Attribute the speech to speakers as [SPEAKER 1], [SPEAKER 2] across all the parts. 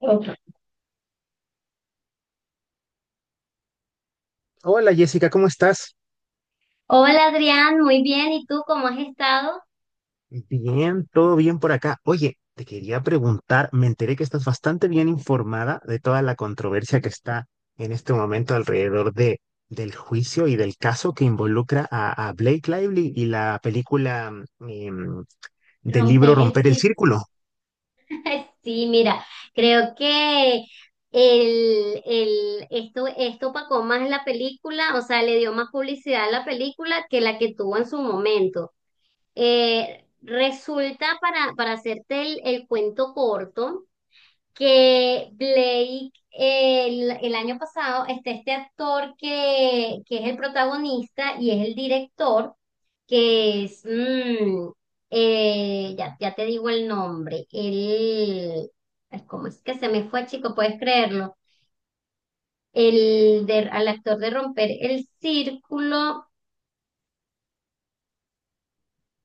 [SPEAKER 1] Ok.
[SPEAKER 2] Hola Jessica, ¿cómo estás?
[SPEAKER 1] Hola Adrián, muy bien. ¿Y tú cómo has estado?
[SPEAKER 2] Bien, todo bien por acá. Oye, te quería preguntar, me enteré que estás bastante bien informada de toda la controversia que está en este momento alrededor del juicio y del caso que involucra a Blake Lively y la película mm, em, del libro
[SPEAKER 1] Romper el
[SPEAKER 2] Romper el
[SPEAKER 1] círculo.
[SPEAKER 2] Círculo.
[SPEAKER 1] Sí, mira, creo que esto opacó más la película, o sea, le dio más publicidad a la película que la que tuvo en su momento. Resulta, para hacerte el, cuento corto, que Blake el, año pasado está este actor que es el protagonista y es el director, que es, ya, te digo el nombre, el, ay, ¿cómo es que se me fue, chico? ¿Puedes creerlo? El de, al actor de Romper el Círculo,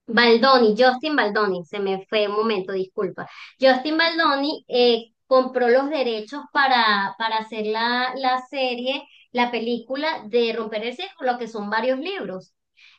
[SPEAKER 1] Baldoni, Justin Baldoni, se me fue un momento, disculpa. Justin Baldoni compró los derechos para hacer la, la serie, la película de Romper el Cerco, lo que son varios libros.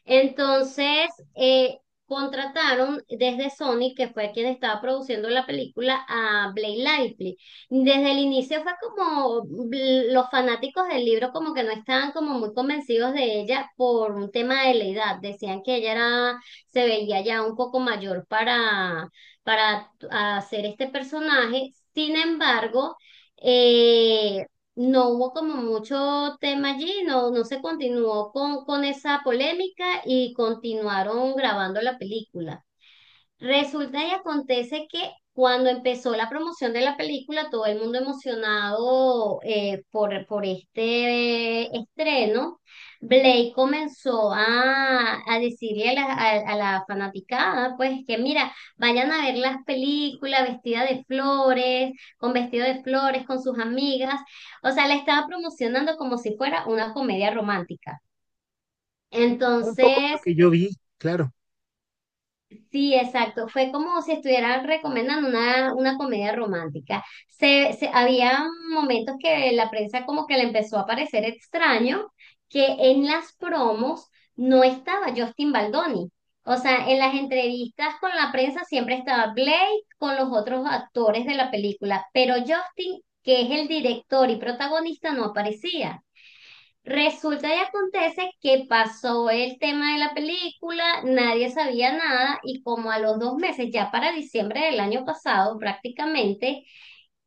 [SPEAKER 1] Entonces, eh, contrataron desde Sony, que fue quien estaba produciendo la película, a Blake Lively. Desde el inicio fue como los fanáticos del libro como que no estaban como muy convencidos de ella por un tema de la edad. Decían que ella era se veía ya un poco mayor para hacer este personaje. Sin embargo, eh, no hubo como mucho tema allí, no, no se continuó con esa polémica y continuaron grabando la película. Resulta y acontece que cuando empezó la promoción de la película, todo el mundo emocionado por este estreno, Blake comenzó a decirle a la, a la fanaticada, pues que mira, vayan a ver las películas vestida de flores, con vestido de flores, con sus amigas. O sea, la estaba promocionando como si fuera una comedia romántica.
[SPEAKER 2] Un poco lo
[SPEAKER 1] Entonces...
[SPEAKER 2] que yo vi, claro.
[SPEAKER 1] Sí, exacto. Fue como si estuvieran recomendando una comedia romántica. Había momentos que la prensa como que le empezó a parecer extraño que en las promos no estaba Justin Baldoni. O sea, en las entrevistas con la prensa siempre estaba Blake con los otros actores de la película, pero Justin, que es el director y protagonista, no aparecía. Resulta y acontece que pasó el tema de la película, nadie sabía nada y como a los dos meses, ya para diciembre del año pasado prácticamente,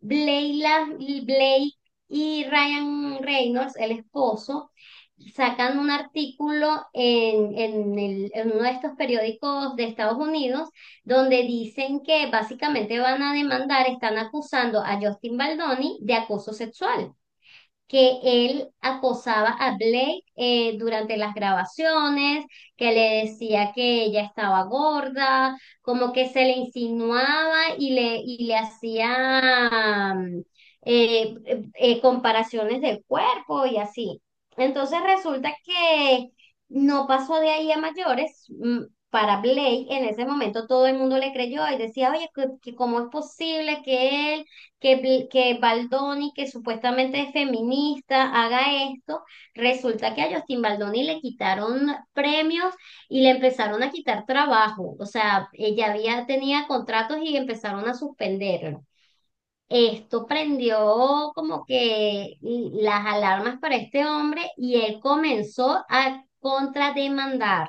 [SPEAKER 1] Blayla- Blake y Ryan Reynolds, el esposo, sacan un artículo en, en uno de estos periódicos de Estados Unidos donde dicen que básicamente van a demandar, están acusando a Justin Baldoni de acoso sexual que él acosaba a Blake durante las grabaciones, que le decía que ella estaba gorda, como que se le insinuaba y le hacía eh, comparaciones del cuerpo y así. Entonces resulta que no pasó de ahí a mayores. Para Blake en ese momento todo el mundo le creyó y decía, oye, que ¿cómo es posible que él que, que Baldoni, que supuestamente es feminista, haga esto? Resulta que a Justin Baldoni le quitaron premios y le empezaron a quitar trabajo. O sea, ella había, tenía contratos y empezaron a suspenderlo. Esto prendió como que las alarmas para este hombre y él comenzó a contrademandar.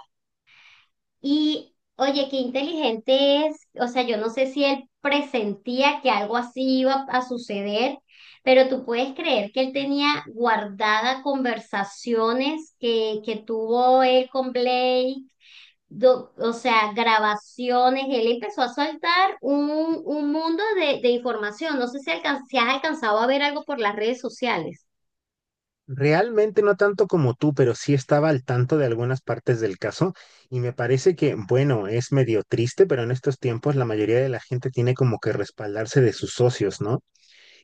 [SPEAKER 1] Y oye, qué inteligente es. O sea, yo no sé si él presentía que algo así iba a suceder, pero tú puedes creer que él tenía guardada conversaciones que tuvo él con Blake, o sea, grabaciones. Él empezó a soltar un mundo de información. No sé si, si has alcanzado a ver algo por las redes sociales.
[SPEAKER 2] Realmente no tanto como tú, pero sí estaba al tanto de algunas partes del caso y me parece que, bueno, es medio triste, pero en estos tiempos la mayoría de la gente tiene como que respaldarse de sus socios, ¿no?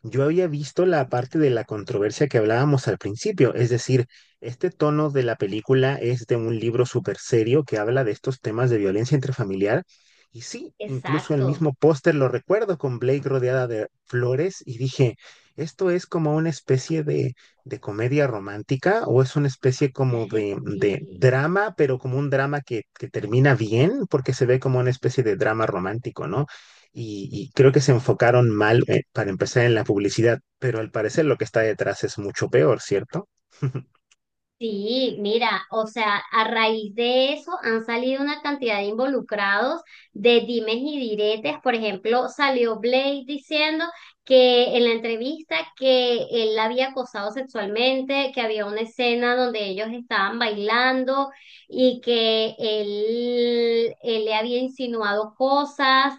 [SPEAKER 2] Yo había visto la parte de la controversia que hablábamos al principio, es decir, este tono de la película es de un libro súper serio que habla de estos temas de violencia intrafamiliar. Y sí, incluso el
[SPEAKER 1] Exacto.
[SPEAKER 2] mismo póster lo recuerdo con Blake rodeada de flores y dije, ¿esto es como una especie de comedia romántica o es una especie como de
[SPEAKER 1] Sí.
[SPEAKER 2] drama, pero como un drama que termina bien porque se ve como una especie de drama romántico, ¿no? Y, y creo que se enfocaron mal para empezar en la publicidad, pero al parecer lo que está detrás es mucho peor, ¿cierto?
[SPEAKER 1] Sí, mira, o sea, a raíz de eso han salido una cantidad de involucrados de dimes y diretes. Por ejemplo, salió Blade diciendo que en la entrevista que él la había acosado sexualmente, que había una escena donde ellos estaban bailando y que él le había insinuado cosas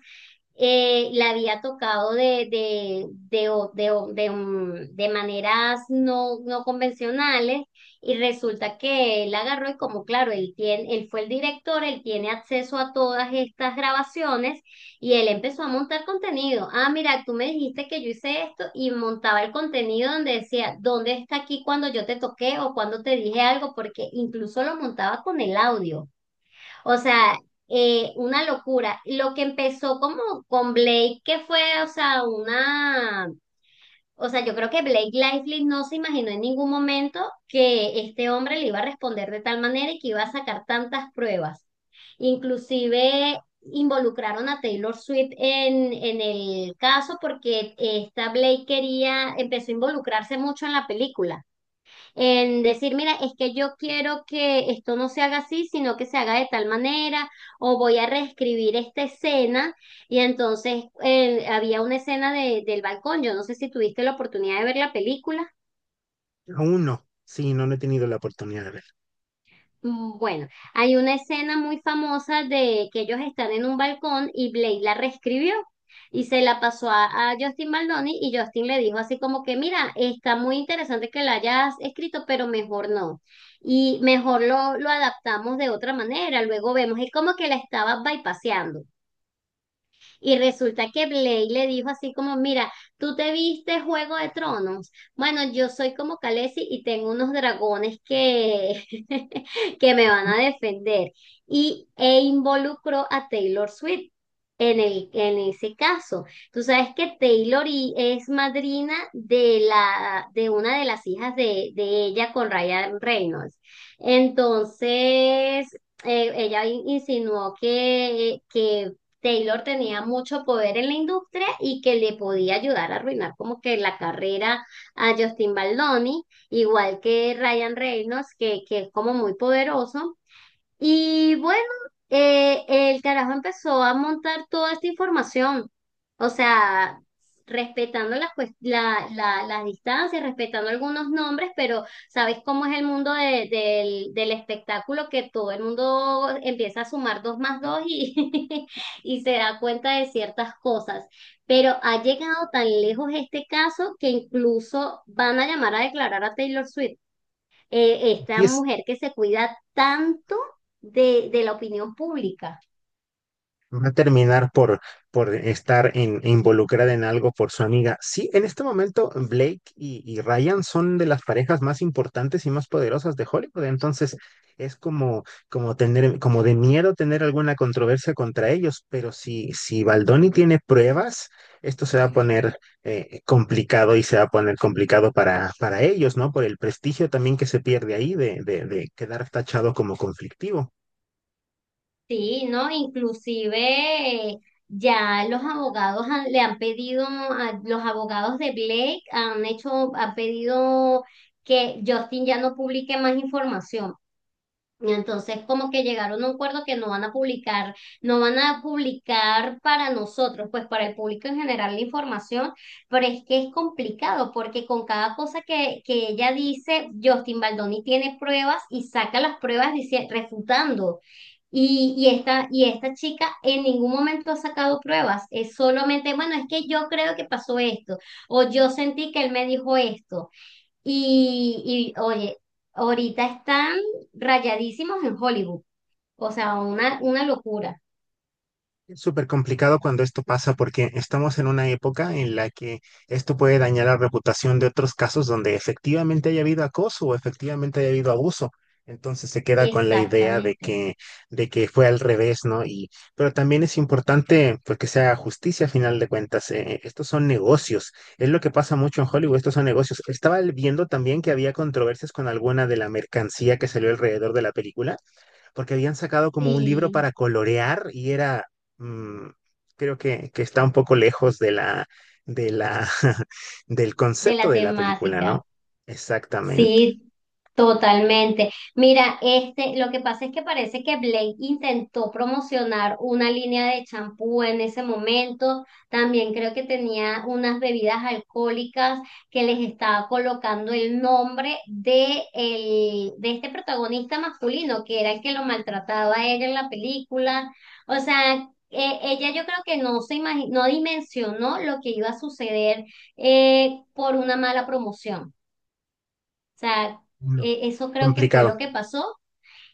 [SPEAKER 1] la había tocado de, o- de, o- de, mm, de maneras no, no convencionales y resulta que él agarró y como claro, él tiene, él fue el director, él tiene acceso a todas estas grabaciones y él empezó a montar contenido. Ah, mira, tú me dijiste que yo hice esto y montaba el contenido donde decía, ¿dónde está aquí cuando yo te toqué o cuando te dije algo? Porque incluso lo montaba con el audio. O sea, una locura. Lo que empezó como con Blake, que fue, o sea, una o sea, yo creo que Blake Lively no se imaginó en ningún momento que este hombre le iba a responder de tal manera y que iba a sacar tantas pruebas. Inclusive involucraron a Taylor Swift en el caso porque esta Blake quería, empezó a involucrarse mucho en la película en decir, mira, es que yo quiero que esto no se haga así, sino que se haga de tal manera, o voy a reescribir esta escena. Y entonces había una escena de, del balcón, yo no sé si tuviste la oportunidad de ver la película.
[SPEAKER 2] Aún no. Sí, no, no he tenido la oportunidad de ver.
[SPEAKER 1] Mm, bueno, hay una escena muy famosa de que ellos están en un balcón y Blade la reescribió y se la pasó a Justin Baldoni y Justin le dijo así como que, mira, está muy interesante que la hayas escrito, pero mejor no. Y mejor lo adaptamos de otra manera, luego vemos, es como que la estaba bypaseando. Y resulta que Blake le dijo así como, mira, tú te viste Juego de Tronos. Bueno, yo soy como Khaleesi y tengo unos dragones que, que me van a defender. E involucró a Taylor Swift. En el, en ese caso, tú sabes que Taylor es madrina de la, de una de las hijas de ella con Ryan Reynolds. Entonces, ella insinuó que Taylor tenía mucho poder en la industria y que le podía ayudar a arruinar como que la carrera a Justin Baldoni, igual que Ryan Reynolds, que es como muy poderoso. Y bueno, el carajo empezó a montar toda esta información, o sea, respetando las, las distancias, respetando algunos nombres, pero ¿sabes cómo es el mundo del espectáculo? Que todo el mundo empieza a sumar dos más dos y, y se da cuenta de ciertas cosas. Pero ha llegado tan lejos este caso que incluso van a llamar a declarar a Taylor Swift
[SPEAKER 2] Y
[SPEAKER 1] esta
[SPEAKER 2] es
[SPEAKER 1] mujer que se cuida tanto de la opinión pública.
[SPEAKER 2] no va a terminar por estar involucrada en algo por su amiga. Sí, en este momento Blake y Ryan son de las parejas más importantes y más poderosas de Hollywood. Entonces es como, como tener, como de miedo tener alguna controversia contra ellos. Pero si Baldoni tiene pruebas, esto se va a poner complicado y se va a poner complicado para ellos, ¿no? Por el prestigio también que se pierde ahí de quedar tachado como conflictivo.
[SPEAKER 1] Sí, ¿no? Inclusive ya los abogados le han pedido, a, los abogados de Blake han hecho, han pedido que Justin ya no publique más información. Y entonces, como que llegaron a un acuerdo que no van a publicar, no van a publicar para nosotros, pues para el público en general la información, pero es que es complicado porque con cada cosa que ella dice, Justin Baldoni tiene pruebas y saca las pruebas dice, refutando. Y esta, y esta chica en ningún momento ha sacado pruebas, es solamente, bueno, es que yo creo que pasó esto, o yo sentí que él me dijo esto. Y oye, ahorita están rayadísimos en Hollywood. O sea, una locura.
[SPEAKER 2] Es súper complicado cuando esto pasa porque estamos en una época en la que esto puede dañar la reputación de otros casos donde efectivamente haya habido acoso o efectivamente haya habido abuso. Entonces se queda con la idea
[SPEAKER 1] Exactamente.
[SPEAKER 2] de que fue al revés, ¿no? Y, pero también es importante pues, que se haga justicia a final de cuentas. Eh, estos son negocios. Es lo que pasa mucho en Hollywood, estos son negocios. Estaba viendo también que había controversias con alguna de la mercancía que salió alrededor de la película porque habían sacado como un libro
[SPEAKER 1] Sí,
[SPEAKER 2] para colorear y mm, creo que está un poco lejos de la, del
[SPEAKER 1] de
[SPEAKER 2] concepto
[SPEAKER 1] la
[SPEAKER 2] de la película, ¿no?
[SPEAKER 1] temática.
[SPEAKER 2] Exactamente.
[SPEAKER 1] Sí, totalmente. Mira, este, lo que pasa es que parece que Blake intentó promocionar una línea de champú en ese momento. También creo que tenía unas bebidas alcohólicas que les estaba colocando el nombre de, el, de este protagonista masculino, que era el que lo maltrataba a ella en la película. O sea, ella yo creo que no no dimensionó lo que iba a suceder por una mala promoción. O sea,
[SPEAKER 2] No,
[SPEAKER 1] eso creo que fue
[SPEAKER 2] complicado.
[SPEAKER 1] lo que pasó.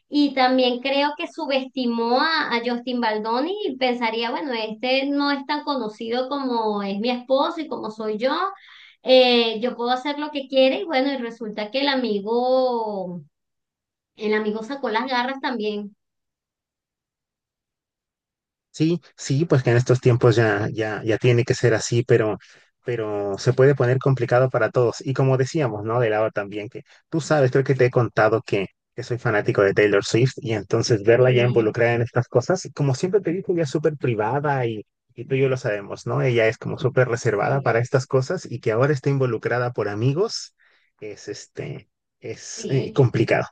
[SPEAKER 1] Y también creo que subestimó a Justin Baldoni y pensaría, bueno, este no es tan conocido como es mi esposo y como soy yo. Yo puedo hacer lo que quiera y bueno, y resulta que el amigo sacó las garras también.
[SPEAKER 2] Sí, sí, pues que en estos tiempos ya tiene que ser así, pero se puede poner complicado para todos. Y como decíamos, ¿no? De lado también, que tú sabes, creo que te he contado que soy fanático de Taylor Swift y entonces verla ya
[SPEAKER 1] Sí,
[SPEAKER 2] involucrada en estas cosas, como siempre te digo, ella es súper privada y tú y yo lo sabemos, ¿no? Ella es como súper reservada
[SPEAKER 1] sí,
[SPEAKER 2] para estas cosas y que ahora esté involucrada por amigos es, este, es
[SPEAKER 1] sí.
[SPEAKER 2] complicado.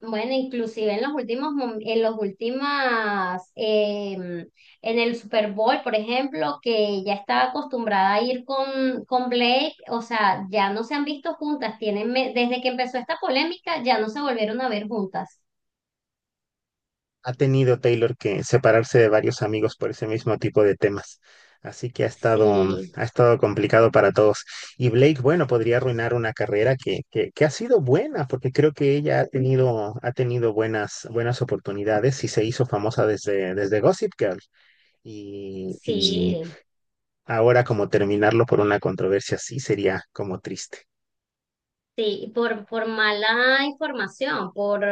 [SPEAKER 1] Bueno, inclusive en los últimos, en los últimas, en el Super Bowl, por ejemplo, que ya estaba acostumbrada a ir con Blake, o sea, ya no se han visto juntas, tienen, desde que empezó esta polémica, ya no se volvieron a ver juntas.
[SPEAKER 2] Ha tenido Taylor que separarse de varios amigos por ese mismo tipo de temas. Así que ha estado,
[SPEAKER 1] Sí,
[SPEAKER 2] ha estado complicado para todos. Y Blake, bueno, podría arruinar una carrera que ha sido buena, porque creo que ella ha tenido buenas, buenas oportunidades y se hizo famosa desde Gossip Girl. Y
[SPEAKER 1] sí.
[SPEAKER 2] ahora como terminarlo por una controversia así sería como triste.
[SPEAKER 1] Sí, por mala información, por,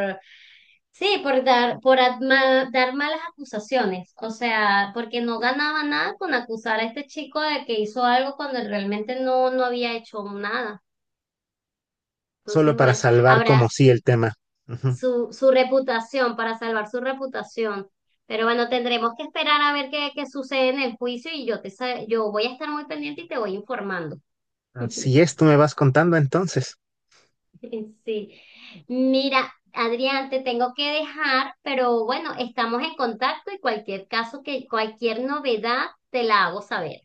[SPEAKER 1] sí, por dar, por dar malas acusaciones, o sea, porque no ganaba nada con acusar a este chico de que hizo algo cuando él realmente no, no había hecho nada.
[SPEAKER 2] Solo
[SPEAKER 1] Entonces,
[SPEAKER 2] para
[SPEAKER 1] bueno,
[SPEAKER 2] salvar
[SPEAKER 1] ahora
[SPEAKER 2] como sí el tema. Ujú.
[SPEAKER 1] su, su reputación, para salvar su reputación, pero bueno, tendremos que esperar a ver qué, qué sucede en el juicio y yo te, yo voy a estar muy pendiente y te voy informando.
[SPEAKER 2] Así es, tú me vas contando entonces.
[SPEAKER 1] Sí. Mira, Adrián, te tengo que dejar, pero bueno, estamos en contacto y cualquier caso que, cualquier novedad, te la hago saber.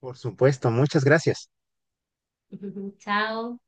[SPEAKER 2] Por supuesto, muchas gracias.
[SPEAKER 1] Chao.